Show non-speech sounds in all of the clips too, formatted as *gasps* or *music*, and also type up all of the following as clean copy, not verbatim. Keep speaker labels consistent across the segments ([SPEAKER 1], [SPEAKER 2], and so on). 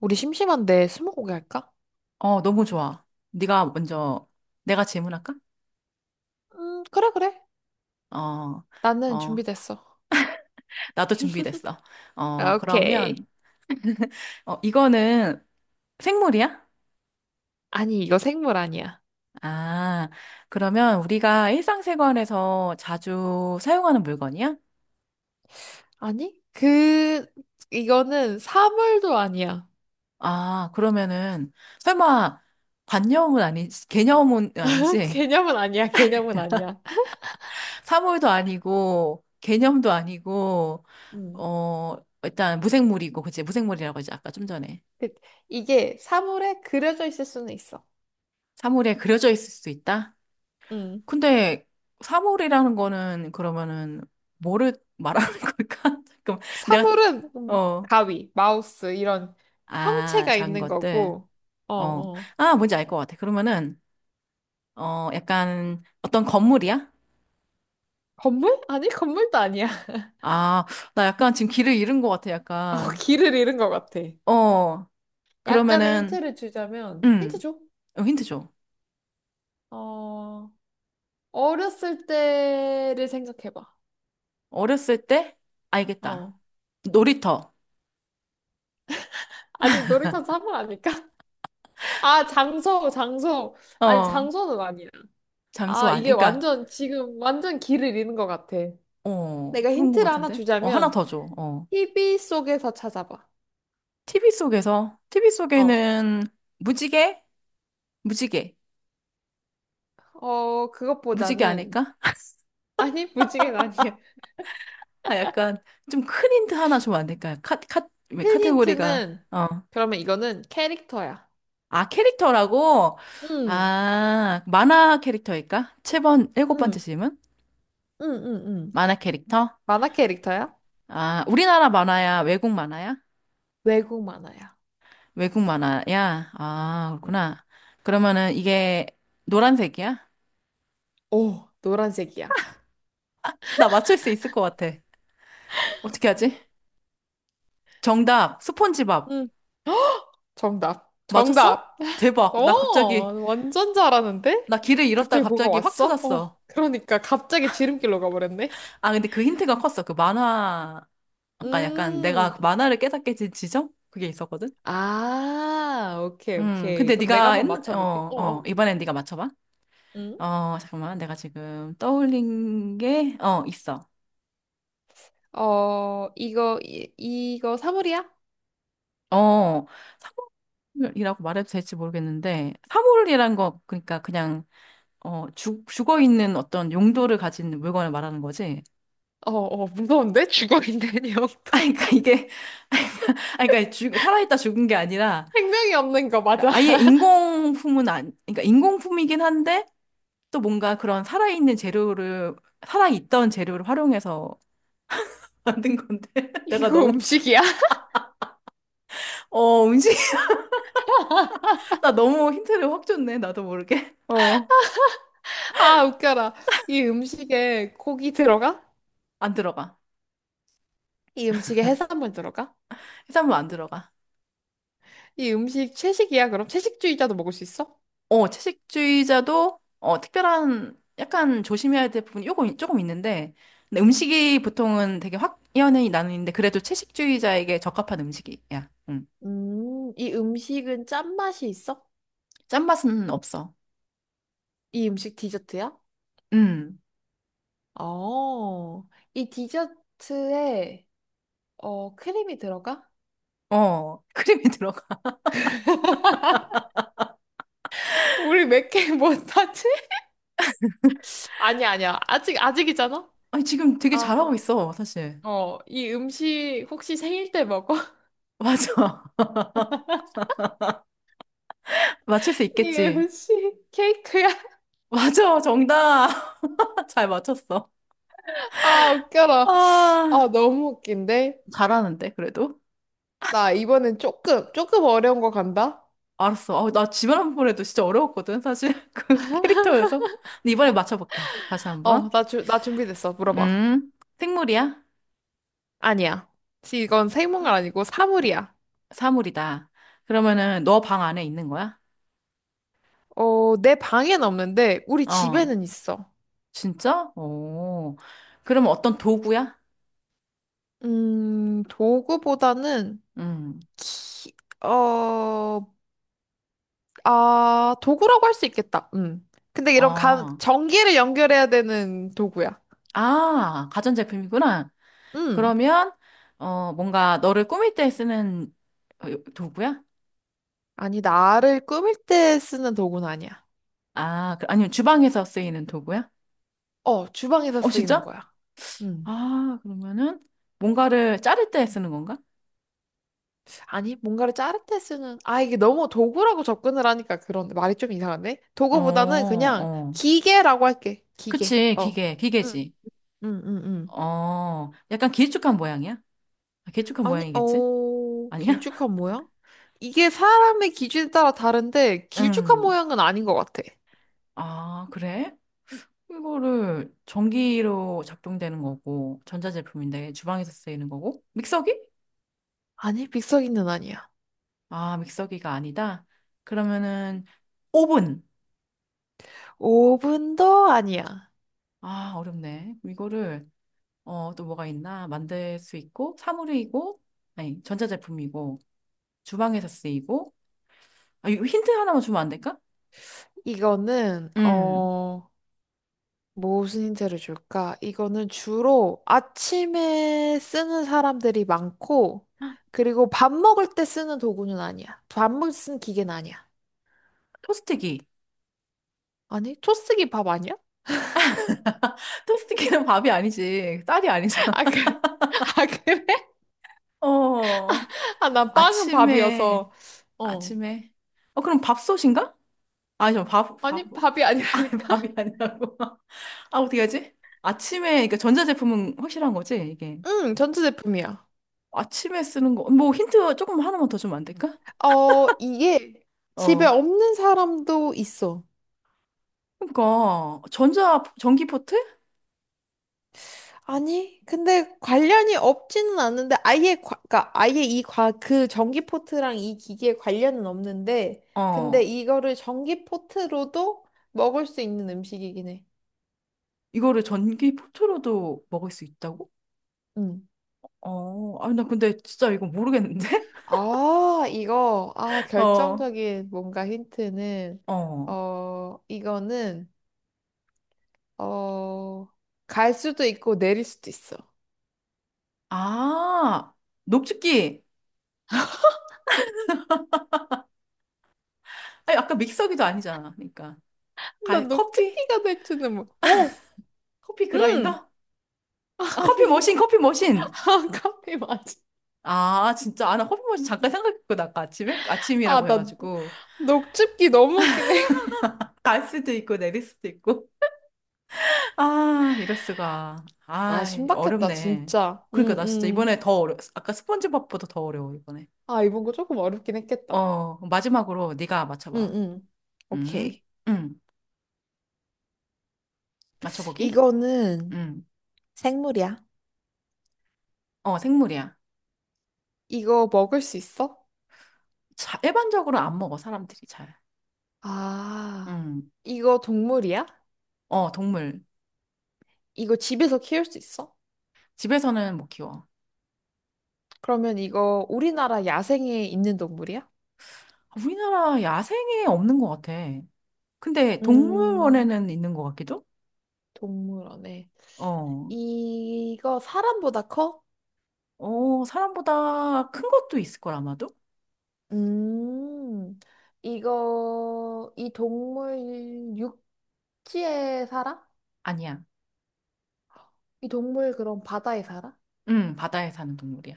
[SPEAKER 1] 우리 심심한데 스무고개 할까?
[SPEAKER 2] 너무 좋아. 네가 먼저 내가 질문할까?
[SPEAKER 1] 그래, 그래.
[SPEAKER 2] 어,
[SPEAKER 1] 나는
[SPEAKER 2] 어,
[SPEAKER 1] 준비됐어.
[SPEAKER 2] 나도 준비됐어. 어,
[SPEAKER 1] 오케이.
[SPEAKER 2] 그러면 이거는 생물이야?
[SPEAKER 1] 아니, 이거 생물 아니야.
[SPEAKER 2] 아, 그러면 우리가 일상생활에서 자주 사용하는 물건이야?
[SPEAKER 1] 아니? 이거는 사물도 아니야.
[SPEAKER 2] 아, 그러면은 설마 관념은 아니지, 개념은
[SPEAKER 1] *laughs*
[SPEAKER 2] 아니지,
[SPEAKER 1] 개념은 아니야, 개념은 아니야.
[SPEAKER 2] 사물도 아니고 개념도 아니고
[SPEAKER 1] 음.
[SPEAKER 2] 어, 일단 무생물이고, 그치? 무생물이라고 하지 아까 좀 전에.
[SPEAKER 1] 그- 이게 사물에 그려져 있을 수는 있어.
[SPEAKER 2] 사물에 그려져 있을 수 있다?
[SPEAKER 1] 음.
[SPEAKER 2] 근데 3월이라는 거는 그러면은 뭐를 말하는 걸까? *laughs* 잠깐 내가
[SPEAKER 1] 사물은
[SPEAKER 2] 어,
[SPEAKER 1] 가위, 마우스, 이런
[SPEAKER 2] 아,
[SPEAKER 1] 형체가
[SPEAKER 2] 작은
[SPEAKER 1] 있는
[SPEAKER 2] 것들.
[SPEAKER 1] 거고, 어,
[SPEAKER 2] 어.
[SPEAKER 1] 어.
[SPEAKER 2] 아, 뭔지 알 것 같아. 그러면은 약간 어떤 건물이야?
[SPEAKER 1] 건물? 아니, 건물도 아니야. *laughs*
[SPEAKER 2] 아, 나 약간 지금 길을 잃은 것 같아.
[SPEAKER 1] 어,
[SPEAKER 2] 약간.
[SPEAKER 1] 길을 잃은 것 같아.
[SPEAKER 2] 어.
[SPEAKER 1] 약간의
[SPEAKER 2] 그러면은
[SPEAKER 1] 힌트를 주자면, 힌트
[SPEAKER 2] 음.
[SPEAKER 1] 줘.
[SPEAKER 2] 어, 힌트 줘.
[SPEAKER 1] 어, 어렸을 때를 생각해봐.
[SPEAKER 2] 어렸을 때 알겠다.
[SPEAKER 1] 어.
[SPEAKER 2] 놀이터.
[SPEAKER 1] 아니, 놀이터에서 한번 아닐까? *laughs* 아, 장소, 장소. 아니,
[SPEAKER 2] 어.
[SPEAKER 1] 장소는 아니야.
[SPEAKER 2] 장소
[SPEAKER 1] 아,
[SPEAKER 2] 아니
[SPEAKER 1] 이게
[SPEAKER 2] 그러니까
[SPEAKER 1] 완전, 지금 완전 길을 잃은 것 같아. 내가
[SPEAKER 2] 그런 것
[SPEAKER 1] 힌트를 하나
[SPEAKER 2] 같은데. 어, 하나
[SPEAKER 1] 주자면,
[SPEAKER 2] 더 줘. 어.
[SPEAKER 1] TV 속에서 찾아봐.
[SPEAKER 2] TV 속에서, TV
[SPEAKER 1] 어.
[SPEAKER 2] 속에는 무지개? 무지개.
[SPEAKER 1] 어,
[SPEAKER 2] 무지개
[SPEAKER 1] 그것보다는,
[SPEAKER 2] 아닐까? *laughs*
[SPEAKER 1] 아니, *laughs* 무지개는 아니야.
[SPEAKER 2] 아, 약간 좀 큰 힌트 하나 주면 안 될까요? 카, 카, 왜
[SPEAKER 1] 큰
[SPEAKER 2] 카테고리가,
[SPEAKER 1] 힌트는,
[SPEAKER 2] 어.
[SPEAKER 1] 그러면 이거는 캐릭터야.
[SPEAKER 2] 아, 캐릭터라고?
[SPEAKER 1] 응,
[SPEAKER 2] 아, 만화 캐릭터일까? 7번, 일곱 번째
[SPEAKER 1] 응,
[SPEAKER 2] 질문?
[SPEAKER 1] 응.
[SPEAKER 2] 만화 캐릭터?
[SPEAKER 1] 만화 캐릭터야?
[SPEAKER 2] 아, 우리나라 만화야? 외국 만화야?
[SPEAKER 1] 외국 만화야.
[SPEAKER 2] 외국 만화야? 아,
[SPEAKER 1] 응.
[SPEAKER 2] 그렇구나. 그러면은 이게 노란색이야?
[SPEAKER 1] 오, 노란색이야.
[SPEAKER 2] 나 맞출 수 있을 것 같아. 어떻게 하지? 정답, 스폰지밥.
[SPEAKER 1] 응. 정답.
[SPEAKER 2] 맞췄어?
[SPEAKER 1] 정답.
[SPEAKER 2] 대박.
[SPEAKER 1] 어,
[SPEAKER 2] 나 갑자기,
[SPEAKER 1] 완전 잘하는데?
[SPEAKER 2] 나 길을 잃었다가
[SPEAKER 1] 갑자기 뭐가
[SPEAKER 2] 갑자기 확
[SPEAKER 1] 왔어?
[SPEAKER 2] 찾았어.
[SPEAKER 1] 어, 그러니까 갑자기 지름길로 가버렸네.
[SPEAKER 2] 아, 근데 그 힌트가 컸어. 그 만화, 아까 약간 내가 그
[SPEAKER 1] 음.
[SPEAKER 2] 만화를 깨닫게 된 지점? 그게 있었거든?
[SPEAKER 1] 아, 오케이, 오케이.
[SPEAKER 2] 근데
[SPEAKER 1] 그럼 내가
[SPEAKER 2] 네가,
[SPEAKER 1] 한번 맞춰볼게. 어, 어.
[SPEAKER 2] 이번엔 네가 맞춰봐.
[SPEAKER 1] 응?
[SPEAKER 2] 어, 잠깐만. 내가 지금 떠올린 게, 어, 있어.
[SPEAKER 1] 어, 이거 사물이야?
[SPEAKER 2] 어, 사물이라고 말해도 될지 모르겠는데, 사물이란 거, 그러니까 그냥, 죽어 있는 어떤 용도를 가진 물건을 말하는 거지.
[SPEAKER 1] 어, 어, 무서운데? 죽어 있는
[SPEAKER 2] *laughs* 아,
[SPEAKER 1] 영토.
[SPEAKER 2] 그러니까 이게, 아, 그러니까 죽, 살아있다 죽은 게 아니라,
[SPEAKER 1] *laughs* 생명이 없는 거
[SPEAKER 2] 그러니까
[SPEAKER 1] 맞아.
[SPEAKER 2] 아예
[SPEAKER 1] *laughs*
[SPEAKER 2] 인공품은 안, 그러니까 인공품이긴 한데 또 뭔가 그런 살아있는 재료를, 살아있던 재료를 활용해서 *laughs* 만든 건데. *laughs* 내가
[SPEAKER 1] 이거
[SPEAKER 2] 너무,
[SPEAKER 1] 음식이야? *laughs*
[SPEAKER 2] 어, 음식. *laughs* 나 너무 힌트를 확 줬네. 나도 모르게. *laughs* 어,
[SPEAKER 1] 아, 웃겨라. 이 음식에 고기 들어가?
[SPEAKER 2] 안 들어가.
[SPEAKER 1] 이 음식에 해산물 들어가?
[SPEAKER 2] 해산물 안 들어가.
[SPEAKER 1] 이 음식 채식이야, 그럼? 채식주의자도 먹을 수 있어?
[SPEAKER 2] 어, 채식주의자도, 어, 특별한, 약간 조심해야 될 부분이 요거 조금 있는데, 근데 음식이 보통은 되게 확연히 나뉘는데, 그래도 채식주의자에게 적합한 음식이야. 음.
[SPEAKER 1] 이 음식은 짠맛이 있어?
[SPEAKER 2] 짠맛은 없어.
[SPEAKER 1] 이 음식 디저트야?
[SPEAKER 2] 음.
[SPEAKER 1] 어, 이 디저트에 크림이 들어가?
[SPEAKER 2] 크림이 *laughs* 들어가.
[SPEAKER 1] 우리 몇 개 못하지? *laughs* 아니야, 아니야. 아직, 아직이잖아?
[SPEAKER 2] 아니, 지금 되게 잘하고
[SPEAKER 1] 아,
[SPEAKER 2] 있어, 사실.
[SPEAKER 1] 어, 이 음식 혹시 생일 때 먹어?
[SPEAKER 2] 맞아. *laughs* 맞출 수
[SPEAKER 1] *laughs* 이
[SPEAKER 2] 있겠지.
[SPEAKER 1] 음식 케이크야?
[SPEAKER 2] 맞아, 정답. *laughs* 잘 맞췄어.
[SPEAKER 1] 아, 웃겨라.
[SPEAKER 2] 아,
[SPEAKER 1] 아, 너무 웃긴데?
[SPEAKER 2] 잘하는데, 그래도?
[SPEAKER 1] 나 이번엔 조금, 조금 어려운 거 간다?
[SPEAKER 2] 알았어. 아, 나 집에 한번 해도 진짜 어려웠거든, 사실. *laughs* 그 캐릭터여서. 근데 이번에 맞춰볼게. 다시 한
[SPEAKER 1] 어,
[SPEAKER 2] 번.
[SPEAKER 1] 나 준비됐어. 물어봐.
[SPEAKER 2] 음, 생물이야?
[SPEAKER 1] 아니야. 이건 생물은 아니고 사물이야.
[SPEAKER 2] 사물이다. 그러면은 너 방 안에 있는 거야?
[SPEAKER 1] 어, 내 방엔 없는데 우리
[SPEAKER 2] 어,
[SPEAKER 1] 집에는 있어.
[SPEAKER 2] 진짜? 오. 그러면 어떤 도구야?
[SPEAKER 1] 도구보다는
[SPEAKER 2] 음,
[SPEAKER 1] 키, 어, 아, 도구라고 할 수 있겠다. 음. 근데
[SPEAKER 2] 어.
[SPEAKER 1] 전기를 연결해야 되는 도구야.
[SPEAKER 2] 아, 가전제품이구나.
[SPEAKER 1] 음.
[SPEAKER 2] 그러면 어 뭔가 너를 꾸밀 때 쓰는 도구야?
[SPEAKER 1] 아니, 나를 꾸밀 때 쓰는 도구는 아니야.
[SPEAKER 2] 아, 아니면 주방에서 쓰이는 도구야?
[SPEAKER 1] 어, 주방에서
[SPEAKER 2] 어,
[SPEAKER 1] 쓰이는
[SPEAKER 2] 진짜?
[SPEAKER 1] 거야. 음.
[SPEAKER 2] 아, 그러면은 뭔가를 자를 때 쓰는 건가?
[SPEAKER 1] 아니, 뭔가를 자를 때 쓰는, 아, 이게 너무 도구라고 접근을 하니까 그런 말이 좀 이상한데?
[SPEAKER 2] 어,
[SPEAKER 1] 도구보다는 그냥
[SPEAKER 2] 어.
[SPEAKER 1] 기계라고 할게. 기계.
[SPEAKER 2] 그치,
[SPEAKER 1] 어. 응.
[SPEAKER 2] 기계지.
[SPEAKER 1] 응, 응, 응.
[SPEAKER 2] 어, 약간 길쭉한 모양이야? 아, 길쭉한
[SPEAKER 1] 아니,
[SPEAKER 2] 모양이겠지?
[SPEAKER 1] 어,
[SPEAKER 2] 아니야?
[SPEAKER 1] 길쭉한
[SPEAKER 2] *laughs*
[SPEAKER 1] 모양? 이게 사람의 기준에 따라 다른데, 길쭉한
[SPEAKER 2] 응.
[SPEAKER 1] 모양은 아닌 것 같아.
[SPEAKER 2] 아, 그래? 이거를 전기로 작동되는 거고, 전자제품인데 주방에서 쓰이는 거고, 믹서기?
[SPEAKER 1] 아니, 빅서기는 아니야.
[SPEAKER 2] 아, 믹서기가 아니다? 그러면은 오븐.
[SPEAKER 1] 오븐도 아니야.
[SPEAKER 2] 아, 어렵네. 이거를 어, 또 뭐가 있나? 만들 수 있고 사물이고 아니, 전자제품이고 주방에서 쓰이고 아, 이거 힌트 하나만 주면 안 될까?
[SPEAKER 1] 이거는,
[SPEAKER 2] 음.
[SPEAKER 1] 어, 무슨 힌트를 줄까? 이거는 주로 아침에 쓰는 사람들이 많고, 그리고 밥 먹을 때 쓰는 도구는 아니야. 밥 먹을 때 쓰는 기계는 아니야.
[SPEAKER 2] 토스트기.
[SPEAKER 1] 아니, 토스기 밥 아니야?
[SPEAKER 2] *laughs* 토스트기는 밥이 아니지. 쌀이
[SPEAKER 1] *laughs*
[SPEAKER 2] 아니잖아.
[SPEAKER 1] 아, 그, 아, 그래?
[SPEAKER 2] *laughs* 어.
[SPEAKER 1] 아, 난 빵은
[SPEAKER 2] 아침에
[SPEAKER 1] 밥이어서. 어.
[SPEAKER 2] 아침에 어 그럼 밥솥인가? 아니죠. 밥,
[SPEAKER 1] 아니, 밥이
[SPEAKER 2] *laughs* 아니,
[SPEAKER 1] 아니라니까?
[SPEAKER 2] 밥이
[SPEAKER 1] *laughs*
[SPEAKER 2] 아니라고. *laughs* 아, 어떻게 하지? 아침에, 그러니까 전자제품은 확실한 거지, 이게.
[SPEAKER 1] 응, 전자제품이야.
[SPEAKER 2] 아침에 쓰는 거, 뭐 힌트 조금 하나만 더 주면 안 될까?
[SPEAKER 1] 어, 이게 집에
[SPEAKER 2] 어.
[SPEAKER 1] 없는 사람도 있어.
[SPEAKER 2] 그러니까, 전자, 전기 포트?
[SPEAKER 1] 아니, 근데 관련이 없지는 않은데 그러니까 그 전기 포트랑 이 기기에 관련은 없는데 근데
[SPEAKER 2] 어.
[SPEAKER 1] 이거를 전기 포트로도 먹을 수 있는 음식이긴 해.
[SPEAKER 2] 이거를 전기 포트로도 먹을 수 있다고?
[SPEAKER 1] 음.
[SPEAKER 2] 어. 아, 나 근데 진짜 이거 모르겠는데?
[SPEAKER 1] 아,
[SPEAKER 2] *laughs* 어.
[SPEAKER 1] 결정적인 뭔가 힌트는
[SPEAKER 2] 어.
[SPEAKER 1] 어, 이거는 어, 갈 수도 있고 내릴 수도 있어.
[SPEAKER 2] 아, 녹즙기. 아니, 아까 믹서기도 아니잖아. 그러니까.
[SPEAKER 1] 나
[SPEAKER 2] 가, 커피?
[SPEAKER 1] 녹즙기가 될 줄은 몰. 어,
[SPEAKER 2] 커피
[SPEAKER 1] 음.
[SPEAKER 2] 그라인더? 아,
[SPEAKER 1] 아니,
[SPEAKER 2] 커피
[SPEAKER 1] *laughs*
[SPEAKER 2] 머신.
[SPEAKER 1] 아, 카페 맞아.
[SPEAKER 2] 아, 진짜. 아, 나 커피 머신 잠깐 생각했거든, 아까 아침에?
[SPEAKER 1] 아,
[SPEAKER 2] 아침이라고
[SPEAKER 1] 나
[SPEAKER 2] 해가지고.
[SPEAKER 1] 녹즙기 너무 웃기네.
[SPEAKER 2] 갈 수도 있고, 내릴 수도 있고. 아, 이럴 수가.
[SPEAKER 1] *laughs* 아,
[SPEAKER 2] 아,
[SPEAKER 1] 신박했다,
[SPEAKER 2] 어렵네.
[SPEAKER 1] 진짜.
[SPEAKER 2] 그러니까
[SPEAKER 1] 응,
[SPEAKER 2] 나 진짜
[SPEAKER 1] 응.
[SPEAKER 2] 이번에 더 어려. 아까 스폰지밥보다 더 어려워 이번에.
[SPEAKER 1] 아, 이번 거 조금 어렵긴 했겠다.
[SPEAKER 2] 어, 마지막으로 네가
[SPEAKER 1] 응,
[SPEAKER 2] 맞춰봐.
[SPEAKER 1] 응.
[SPEAKER 2] 음,
[SPEAKER 1] 오케이.
[SPEAKER 2] 음, 맞춰보기.
[SPEAKER 1] 이거는
[SPEAKER 2] 음,
[SPEAKER 1] 생물이야.
[SPEAKER 2] 어, 생물이야.
[SPEAKER 1] 이거 먹을 수 있어?
[SPEAKER 2] 자, 일반적으로 안 먹어 사람들이 잘.
[SPEAKER 1] 아,
[SPEAKER 2] 음,
[SPEAKER 1] 이거 동물이야?
[SPEAKER 2] 어, 동물.
[SPEAKER 1] 이거 집에서 키울 수 있어?
[SPEAKER 2] 집에서는 못 키워.
[SPEAKER 1] 그러면 이거 우리나라 야생에 있는 동물이야?
[SPEAKER 2] 아, 우리나라 야생에 없는 것 같아. 근데
[SPEAKER 1] 음,
[SPEAKER 2] 동물원에는 있는 것 같기도?
[SPEAKER 1] 동물원에.
[SPEAKER 2] 어,
[SPEAKER 1] 이거 사람보다 커?
[SPEAKER 2] 사람보다 큰 것도 있을 걸 아마도?
[SPEAKER 1] 음, 이거, 이 동물 육지에 살아?
[SPEAKER 2] 아니야.
[SPEAKER 1] 이 동물 그럼 바다에 살아?
[SPEAKER 2] 바다에 사는 동물이야.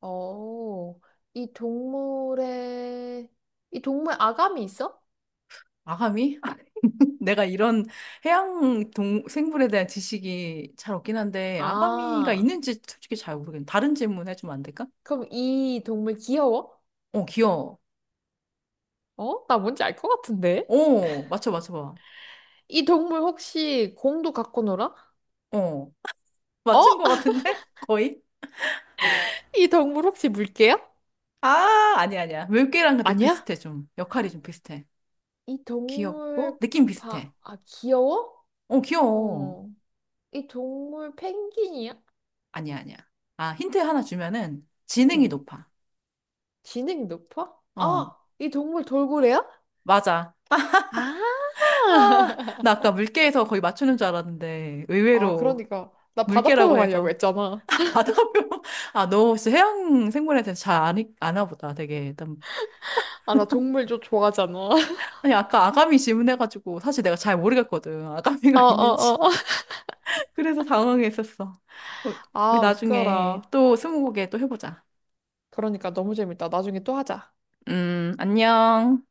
[SPEAKER 1] 어, 이 동물의, 이 동물 아감이 있어?
[SPEAKER 2] 아가미? *laughs* 내가 이런 해양 동 생물에 대한 지식이 잘 없긴 한데 아가미가
[SPEAKER 1] 아,
[SPEAKER 2] 있는지 솔직히 잘 모르겠네. 다른 질문 해주면 안 될까?
[SPEAKER 1] 그럼 이 동물 귀여워?
[SPEAKER 2] 어, 귀여워.
[SPEAKER 1] 어? 나 뭔지 알 것 같은데?
[SPEAKER 2] 어, 맞춰봐.
[SPEAKER 1] 이 동물 혹시 공도 갖고 놀아?
[SPEAKER 2] 어,
[SPEAKER 1] 어?
[SPEAKER 2] 맞춘 것
[SPEAKER 1] *laughs*
[SPEAKER 2] 같은데? *laughs* 거의?
[SPEAKER 1] 이 동물 혹시 물개야?
[SPEAKER 2] 아, 아니야. 물개랑 좀
[SPEAKER 1] 아니야?
[SPEAKER 2] 비슷해 좀. 역할이
[SPEAKER 1] *gasps*
[SPEAKER 2] 좀 비슷해.
[SPEAKER 1] 이
[SPEAKER 2] 귀엽고
[SPEAKER 1] 동물
[SPEAKER 2] 느낌 비슷해.
[SPEAKER 1] 아, 귀여워?
[SPEAKER 2] 어, 귀여워.
[SPEAKER 1] 어. 이 동물 펭귄이야?
[SPEAKER 2] 아니야. 아, 힌트 하나 주면은 지능이
[SPEAKER 1] 응.
[SPEAKER 2] 높아.
[SPEAKER 1] 지능이 높아?
[SPEAKER 2] 어,
[SPEAKER 1] 아, 이 동물 돌고래야?
[SPEAKER 2] 맞아.
[SPEAKER 1] 아.
[SPEAKER 2] 아, 나 아까
[SPEAKER 1] *laughs*
[SPEAKER 2] 물개에서 거의 맞추는 줄 알았는데
[SPEAKER 1] 아,
[SPEAKER 2] 의외로.
[SPEAKER 1] 그러니까 나
[SPEAKER 2] 물개라고
[SPEAKER 1] 바다표범아니라고
[SPEAKER 2] 해서
[SPEAKER 1] 했잖아.
[SPEAKER 2] *laughs* 바다표 아너 혹시 해양 생물에 대해서 잘 아니, 아나 보다 되게 일단
[SPEAKER 1] 아, 나 동물 좀 좋아하잖아. *laughs*
[SPEAKER 2] 아니 아까 아가미 질문해가지고 사실 내가 잘 모르겠거든
[SPEAKER 1] 어,
[SPEAKER 2] 아가미가 *laughs* 있는지
[SPEAKER 1] 어, 어.
[SPEAKER 2] 그래서 당황했었어 어, 우리
[SPEAKER 1] 아,
[SPEAKER 2] 나중에
[SPEAKER 1] 웃겨라.
[SPEAKER 2] 또 스무고개 또 해보자
[SPEAKER 1] 그러니까 너무 재밌다. 나중에 또 하자.
[SPEAKER 2] 안녕